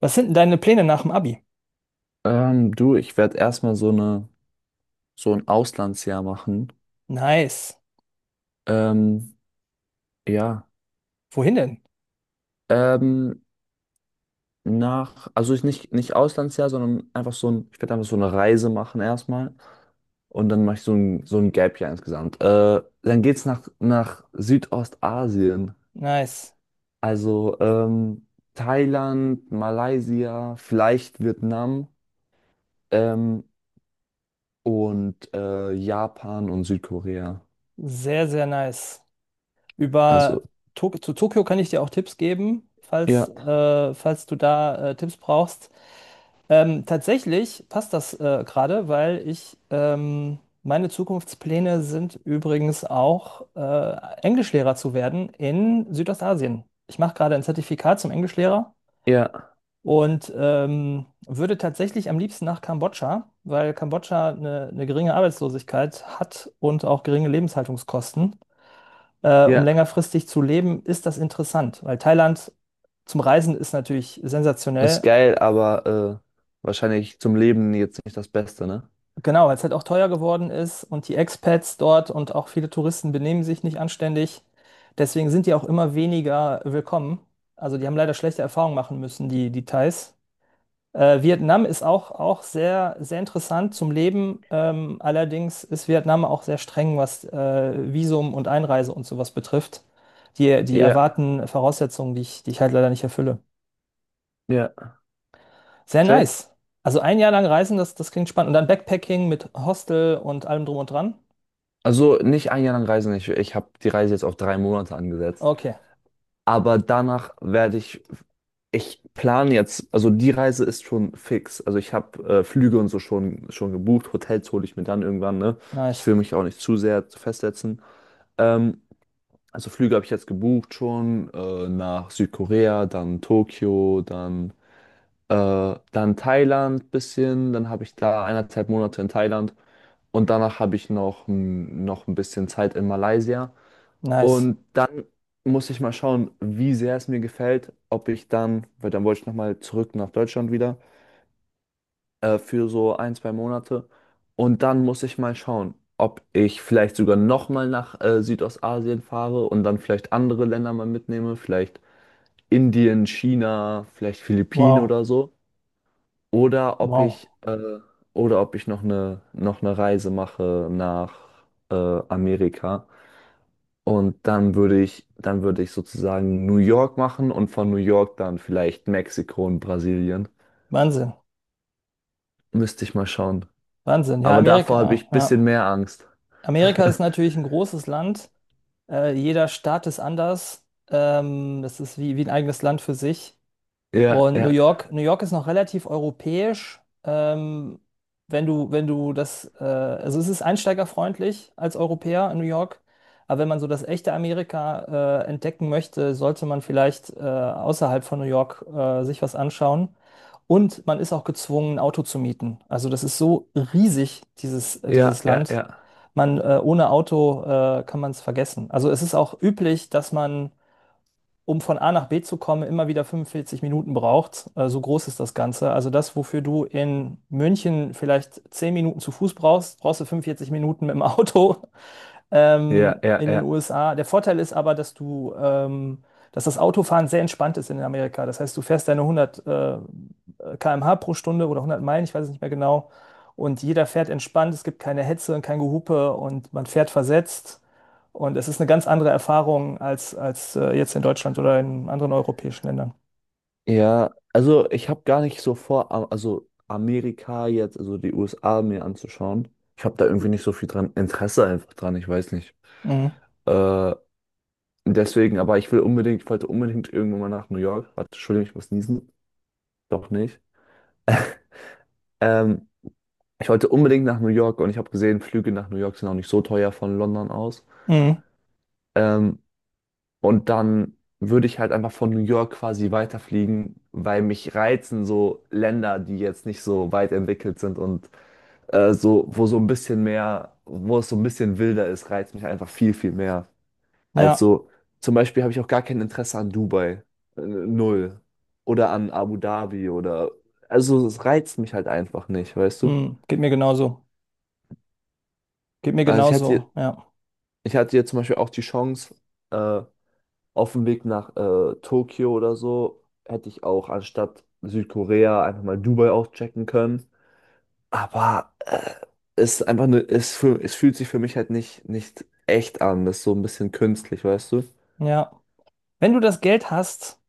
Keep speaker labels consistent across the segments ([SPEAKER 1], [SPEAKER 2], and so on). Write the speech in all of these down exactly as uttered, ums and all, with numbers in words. [SPEAKER 1] Was sind denn deine Pläne nach dem Abi?
[SPEAKER 2] Ähm, du, ich werde erstmal so eine, so ein Auslandsjahr machen.
[SPEAKER 1] Nice.
[SPEAKER 2] Ähm, ja.
[SPEAKER 1] Wohin denn?
[SPEAKER 2] Ähm, nach, also ich nicht, nicht Auslandsjahr, sondern einfach so ein, ich werde einfach so eine Reise machen erstmal. Und dann mache ich so ein, so ein Gap-Jahr insgesamt. Äh, dann geht's nach, nach Südostasien.
[SPEAKER 1] Nice.
[SPEAKER 2] Also ähm, Thailand, Malaysia, vielleicht Vietnam, ähm, und äh, Japan und Südkorea.
[SPEAKER 1] Sehr, sehr nice.
[SPEAKER 2] Also,
[SPEAKER 1] Über Tok zu Tokio kann ich dir auch Tipps geben, falls,
[SPEAKER 2] ja,
[SPEAKER 1] äh, falls du da äh, Tipps brauchst. Ähm, tatsächlich passt das äh, gerade, weil ich ähm, meine Zukunftspläne sind übrigens auch äh, Englischlehrer zu werden in Südostasien. Ich mache gerade ein Zertifikat zum Englischlehrer
[SPEAKER 2] ja,
[SPEAKER 1] und ähm, würde tatsächlich am liebsten nach Kambodscha, weil Kambodscha eine, eine geringe Arbeitslosigkeit hat und auch geringe Lebenshaltungskosten. Äh, um
[SPEAKER 2] ja.
[SPEAKER 1] längerfristig zu leben, ist das interessant, weil Thailand zum Reisen ist natürlich
[SPEAKER 2] Ist
[SPEAKER 1] sensationell.
[SPEAKER 2] geil, aber äh, wahrscheinlich zum Leben jetzt nicht das Beste, ne?
[SPEAKER 1] Genau, weil es halt auch teuer geworden ist und die Expats dort und auch viele Touristen benehmen sich nicht anständig. Deswegen sind die auch immer weniger willkommen. Also die haben leider schlechte Erfahrungen machen müssen, die, die Thais. Äh, Vietnam ist auch, auch sehr, sehr interessant zum Leben. Ähm, allerdings ist Vietnam auch sehr streng, was äh, Visum und Einreise und sowas betrifft. Die, die
[SPEAKER 2] Ja,
[SPEAKER 1] erwarten Voraussetzungen, die ich, die ich halt leider nicht erfülle.
[SPEAKER 2] ja,
[SPEAKER 1] Sehr
[SPEAKER 2] safe.
[SPEAKER 1] nice. Also ein Jahr lang reisen, das, das klingt spannend. Und dann Backpacking mit Hostel und allem drum und dran.
[SPEAKER 2] Also nicht ein Jahr lang reisen. Ich, ich habe die Reise jetzt auf drei Monate angesetzt.
[SPEAKER 1] Okay,
[SPEAKER 2] Aber danach werde ich, ich plane jetzt, also die Reise ist schon fix. Also ich habe äh, Flüge und so schon, schon gebucht. Hotels hole ich mir dann irgendwann, ne? Ich
[SPEAKER 1] nice,
[SPEAKER 2] will mich auch nicht zu sehr festsetzen. Ähm, also Flüge habe ich jetzt gebucht schon äh, nach Südkorea, dann Tokio, dann Äh, dann Thailand bisschen, dann habe ich da eineinhalb Monate in Thailand und danach habe ich noch, m, noch ein bisschen Zeit in Malaysia.
[SPEAKER 1] nice.
[SPEAKER 2] Und dann muss ich mal schauen, wie sehr es mir gefällt, ob ich dann, weil dann wollte ich nochmal zurück nach Deutschland wieder äh, für so ein, zwei Monate. Und dann muss ich mal schauen, ob ich vielleicht sogar nochmal nach äh, Südostasien fahre und dann vielleicht andere Länder mal mitnehme, vielleicht Indien, China, vielleicht Philippinen
[SPEAKER 1] Wow,
[SPEAKER 2] oder so. Oder ob
[SPEAKER 1] wow.
[SPEAKER 2] ich, äh, oder ob ich noch eine, noch eine Reise mache nach äh, Amerika. Und dann würde ich, dann würde ich sozusagen New York machen und von New York dann vielleicht Mexiko und Brasilien.
[SPEAKER 1] Wahnsinn,
[SPEAKER 2] Müsste ich mal schauen.
[SPEAKER 1] Wahnsinn. Ja,
[SPEAKER 2] Aber davor habe
[SPEAKER 1] Amerika,
[SPEAKER 2] ich ein bisschen
[SPEAKER 1] ja.
[SPEAKER 2] mehr Angst.
[SPEAKER 1] Amerika ist natürlich ein großes Land. Äh, jeder Staat ist anders. Ähm, das ist wie, wie ein eigenes Land für sich.
[SPEAKER 2] Ja,
[SPEAKER 1] Und New
[SPEAKER 2] ja,
[SPEAKER 1] York, New York ist noch relativ europäisch. Ähm, wenn du, wenn du das, äh, also es ist einsteigerfreundlich als Europäer in New York, aber wenn man so das echte Amerika äh, entdecken möchte, sollte man vielleicht äh, außerhalb von New York äh, sich was anschauen. Und man ist auch gezwungen, ein Auto zu mieten. Also das ist so riesig, dieses, äh,
[SPEAKER 2] ja,
[SPEAKER 1] dieses
[SPEAKER 2] ja,
[SPEAKER 1] Land.
[SPEAKER 2] ja.
[SPEAKER 1] Man, äh, ohne Auto äh, kann man es vergessen. Also es ist auch üblich, dass man um von A nach B zu kommen, immer wieder fünfundvierzig Minuten braucht. Äh, so groß ist das Ganze. Also das, wofür du in München vielleicht zehn Minuten zu Fuß brauchst, brauchst du fünfundvierzig Minuten mit dem Auto
[SPEAKER 2] Ja,
[SPEAKER 1] ähm,
[SPEAKER 2] ja,
[SPEAKER 1] in den
[SPEAKER 2] ja.
[SPEAKER 1] U S A. Der Vorteil ist aber, dass du, ähm, dass das Autofahren sehr entspannt ist in Amerika. Das heißt, du fährst deine hundert äh, km/h pro Stunde oder hundert Meilen, ich weiß es nicht mehr genau. Und jeder fährt entspannt. Es gibt keine Hetze und kein Gehupe und man fährt versetzt. Und es ist eine ganz andere Erfahrung als, als äh, jetzt in Deutschland oder in anderen europäischen Ländern.
[SPEAKER 2] Ja, also ich habe gar nicht so vor, am- also Amerika jetzt, also die U S A mir anzuschauen. Ich habe da irgendwie nicht so viel dran, Interesse einfach dran, ich weiß nicht.
[SPEAKER 1] Mhm.
[SPEAKER 2] Äh, Deswegen, aber ich will unbedingt, ich wollte unbedingt irgendwann mal nach New York. Warte, Entschuldigung, ich muss niesen. Doch nicht. Ähm, Ich wollte unbedingt nach New York und ich habe gesehen, Flüge nach New York sind auch nicht so teuer von London aus.
[SPEAKER 1] Mhm.
[SPEAKER 2] Ähm, und dann würde ich halt einfach von New York quasi weiterfliegen, weil mich reizen so Länder, die jetzt nicht so weit entwickelt sind und äh, so, wo so ein bisschen mehr, wo es so ein bisschen wilder ist, reizt mich einfach viel, viel mehr.
[SPEAKER 1] Ja,
[SPEAKER 2] Also zum Beispiel habe ich auch gar kein Interesse an Dubai. Äh, Null. Oder an Abu Dhabi oder. Also es reizt mich halt einfach nicht, weißt du?
[SPEAKER 1] mhm. Geht mir genauso. Geht mir
[SPEAKER 2] Also ich hatte,
[SPEAKER 1] genauso. Ja,
[SPEAKER 2] ich hatte jetzt zum Beispiel auch die Chance, äh, auf dem Weg nach äh, Tokio oder so, hätte ich auch anstatt Südkorea einfach mal Dubai auschecken können. Aber äh, es ist einfach nur, es, fühl- es fühlt sich für mich halt nicht, nicht echt an. Das ist so ein bisschen künstlich, weißt du?
[SPEAKER 1] ja. Wenn du das Geld hast,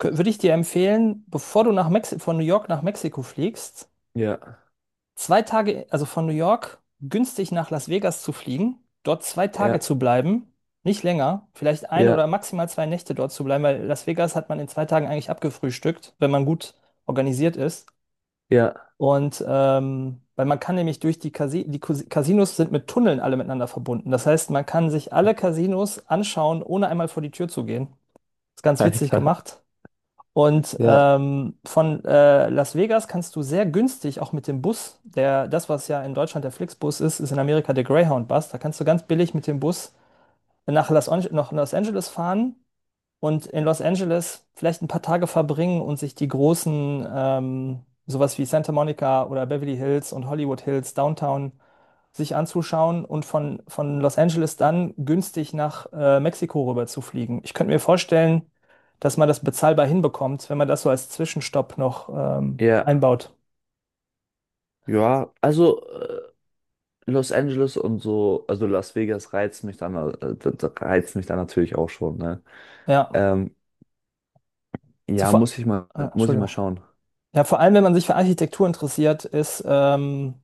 [SPEAKER 1] kö- würde ich dir empfehlen, bevor du nach Mexi von New York nach Mexiko fliegst,
[SPEAKER 2] Ja,
[SPEAKER 1] zwei Tage, also von New York günstig nach Las Vegas zu fliegen, dort zwei Tage
[SPEAKER 2] ja,
[SPEAKER 1] zu bleiben, nicht länger, vielleicht eine oder
[SPEAKER 2] ja,
[SPEAKER 1] maximal zwei Nächte dort zu bleiben, weil Las Vegas hat man in zwei Tagen eigentlich abgefrühstückt, wenn man gut organisiert ist.
[SPEAKER 2] ja.
[SPEAKER 1] Und ähm, weil man kann nämlich durch die Casi die Casi- Casinos sind mit Tunneln alle miteinander verbunden. Das heißt, man kann sich alle Casinos anschauen, ohne einmal vor die Tür zu gehen. Ist ganz witzig
[SPEAKER 2] Alter.
[SPEAKER 1] gemacht. Und
[SPEAKER 2] Ja.
[SPEAKER 1] ähm, von äh, Las Vegas kannst du sehr günstig auch mit dem Bus, der, das, was ja in Deutschland der Flixbus ist, ist in Amerika der Greyhound-Bus. Da kannst du ganz billig mit dem Bus nach Los, Ange- nach Los Angeles fahren und in Los Angeles vielleicht ein paar Tage verbringen und sich die großen, ähm, sowas wie Santa Monica oder Beverly Hills und Hollywood Hills, Downtown sich anzuschauen und von, von Los Angeles dann günstig nach äh, Mexiko rüber zu fliegen. Ich könnte mir vorstellen, dass man das bezahlbar hinbekommt, wenn man das so als Zwischenstopp noch ähm,
[SPEAKER 2] Ja,
[SPEAKER 1] einbaut.
[SPEAKER 2] ja, also äh, Los Angeles und so, also Las Vegas reizt mich dann, äh, da- da reizt mich dann natürlich auch schon, ne?
[SPEAKER 1] Ja,
[SPEAKER 2] Ähm,
[SPEAKER 1] so
[SPEAKER 2] ja,
[SPEAKER 1] vor,
[SPEAKER 2] muss ich mal,
[SPEAKER 1] ah,
[SPEAKER 2] muss ich mal
[SPEAKER 1] Entschuldigung.
[SPEAKER 2] schauen.
[SPEAKER 1] Ja, vor allem, wenn man sich für Architektur interessiert, ist ähm,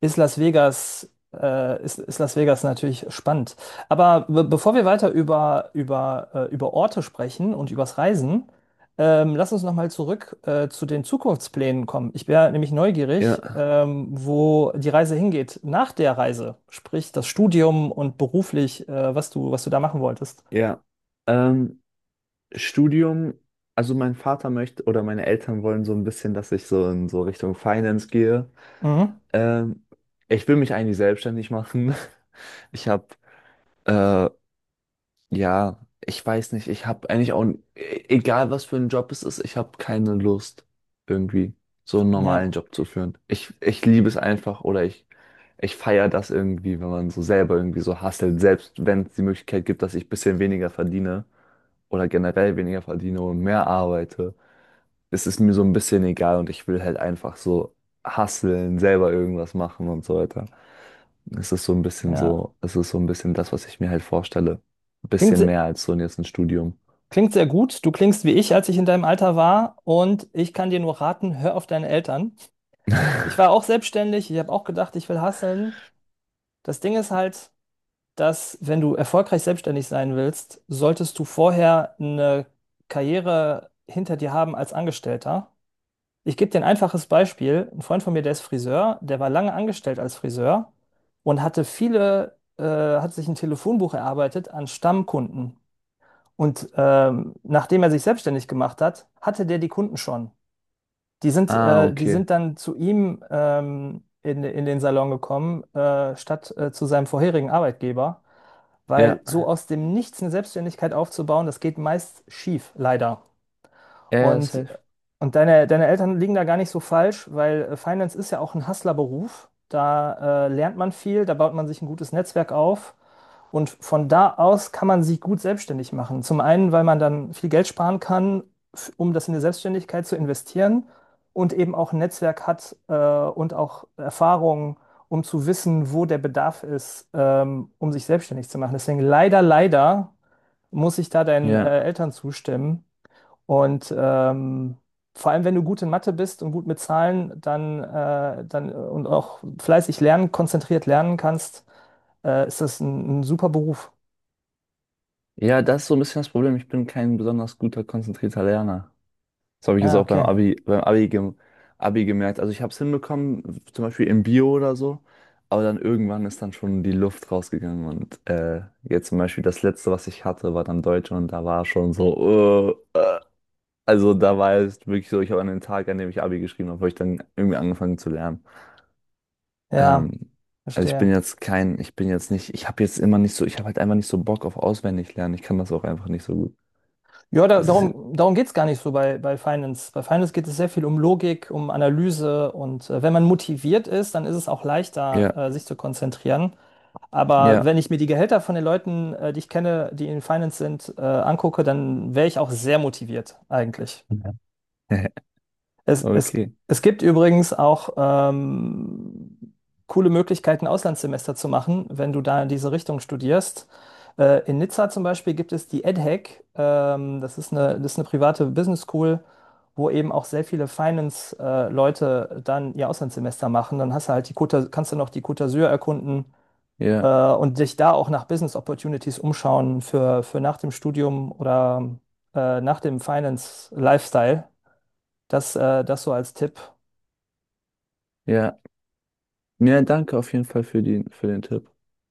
[SPEAKER 1] ist Las Vegas, äh, ist, ist Las Vegas natürlich spannend. Aber be bevor wir weiter über, über, äh, über Orte sprechen und übers Reisen, ähm, lass uns nochmal zurück äh, zu den Zukunftsplänen kommen. Ich wäre nämlich neugierig,
[SPEAKER 2] Ja,
[SPEAKER 1] ähm, wo die Reise hingeht nach der Reise, sprich das Studium und beruflich, äh, was du, was du da machen wolltest.
[SPEAKER 2] ja. Ähm, Studium, also mein Vater möchte oder meine Eltern wollen so ein bisschen, dass ich so in so Richtung Finance gehe.
[SPEAKER 1] Mhm.
[SPEAKER 2] Ähm, Ich will mich eigentlich selbstständig machen. Ich habe äh, ja, ich weiß nicht. Ich habe eigentlich auch, n- e- egal was für ein Job es ist, ich habe keine Lust, irgendwie so einen normalen
[SPEAKER 1] Ja,
[SPEAKER 2] Job zu führen. Ich, ich liebe es einfach oder ich, ich feiere das irgendwie, wenn man so selber irgendwie so hustelt, selbst wenn es die Möglichkeit gibt, dass ich ein bisschen weniger verdiene oder generell weniger verdiene und mehr arbeite. Es ist mir so ein bisschen egal und ich will halt einfach so hustlen, selber irgendwas machen und so weiter. Es ist so ein bisschen
[SPEAKER 1] ja.
[SPEAKER 2] so, es ist so ein bisschen das, was ich mir halt vorstelle. Ein
[SPEAKER 1] Klingt,
[SPEAKER 2] bisschen
[SPEAKER 1] se-
[SPEAKER 2] mehr als so jetzt ein Studium.
[SPEAKER 1] klingt sehr gut. Du klingst wie ich, als ich in deinem Alter war. Und ich kann dir nur raten, hör auf deine Eltern. Ich war auch selbstständig, ich habe auch gedacht, ich will hustlen. Das Ding ist halt, dass wenn du erfolgreich selbstständig sein willst, solltest du vorher eine Karriere hinter dir haben als Angestellter. Ich gebe dir ein einfaches Beispiel. Ein Freund von mir, der ist Friseur, der war lange angestellt als Friseur und hatte viele, äh, hat sich ein Telefonbuch erarbeitet an Stammkunden. Und ähm, nachdem er sich selbstständig gemacht hat, hatte der die Kunden schon. Die sind,
[SPEAKER 2] Ah,
[SPEAKER 1] äh, die
[SPEAKER 2] okay.
[SPEAKER 1] sind dann zu ihm ähm, in, in den Salon gekommen, äh, statt äh, zu seinem vorherigen Arbeitgeber, weil
[SPEAKER 2] Ja,
[SPEAKER 1] so aus dem Nichts eine Selbstständigkeit aufzubauen, das geht meist schief, leider.
[SPEAKER 2] ja, ja,
[SPEAKER 1] Und,
[SPEAKER 2] safe.
[SPEAKER 1] und deine, deine Eltern liegen da gar nicht so falsch, weil äh, Finance ist ja auch ein Hustlerberuf. Da äh, lernt man viel, da baut man sich ein gutes Netzwerk auf. Und von da aus kann man sich gut selbstständig machen. Zum einen, weil man dann viel Geld sparen kann, f- um das in die Selbstständigkeit zu investieren und eben auch ein Netzwerk hat äh, und auch Erfahrung, um zu wissen, wo der Bedarf ist, ähm, um sich selbstständig zu machen. Deswegen leider, leider muss ich da deinen äh,
[SPEAKER 2] Ja.
[SPEAKER 1] Eltern zustimmen. Und ähm, vor allem, wenn du gut in Mathe bist und gut mit Zahlen, dann, äh, dann äh, und auch fleißig lernen, konzentriert lernen kannst, äh, ist das ein, ein super Beruf.
[SPEAKER 2] Ja, das ist so ein bisschen das Problem. Ich bin kein besonders guter, konzentrierter Lerner. Das habe ich jetzt
[SPEAKER 1] Ja,
[SPEAKER 2] auch beim
[SPEAKER 1] okay.
[SPEAKER 2] Abi, beim Abi, gem Abi gemerkt. Also ich habe es hinbekommen, zum Beispiel im Bio oder so, aber dann irgendwann ist dann schon die Luft rausgegangen und äh, jetzt zum Beispiel das letzte, was ich hatte, war dann Deutsch und da war schon so, äh, äh. Also da war es wirklich so, ich habe an den Tag, an dem ich Abi geschrieben habe, habe ich dann irgendwie angefangen zu lernen.
[SPEAKER 1] Ja,
[SPEAKER 2] Ähm, also ich bin
[SPEAKER 1] verstehe.
[SPEAKER 2] jetzt kein, ich bin jetzt nicht, ich habe jetzt immer nicht so, ich habe halt einfach nicht so Bock auf auswendig lernen. Ich kann das auch einfach nicht so gut.
[SPEAKER 1] Ja, da,
[SPEAKER 2] Das ist,
[SPEAKER 1] darum, darum geht es gar nicht so bei, bei Finance. Bei Finance geht es sehr viel um Logik, um Analyse und äh, wenn man motiviert ist, dann ist es auch leichter,
[SPEAKER 2] ja,
[SPEAKER 1] äh, sich zu konzentrieren. Aber
[SPEAKER 2] ja,
[SPEAKER 1] wenn ich mir die Gehälter von den Leuten, äh, die ich kenne, die in Finance sind, äh, angucke, dann wäre ich auch sehr motiviert eigentlich. Es, es,
[SPEAKER 2] okay,
[SPEAKER 1] es gibt übrigens auch ähm, coole Möglichkeiten, Auslandssemester zu machen, wenn du da in diese Richtung studierst. Äh, in Nizza zum Beispiel gibt es die EdHec. Ähm, das ist eine, das ist eine private Business School, wo eben auch sehr viele Finance-Leute dann ihr Auslandssemester machen. Dann hast du halt die Côte, kannst du noch die Côte d'Azur erkunden äh,
[SPEAKER 2] ja,
[SPEAKER 1] und dich da auch nach Business Opportunities umschauen für, für nach dem Studium oder äh, nach dem Finance-Lifestyle. Das, äh, das so als Tipp.
[SPEAKER 2] ja. Ja, danke auf jeden Fall für die, für den Tipp.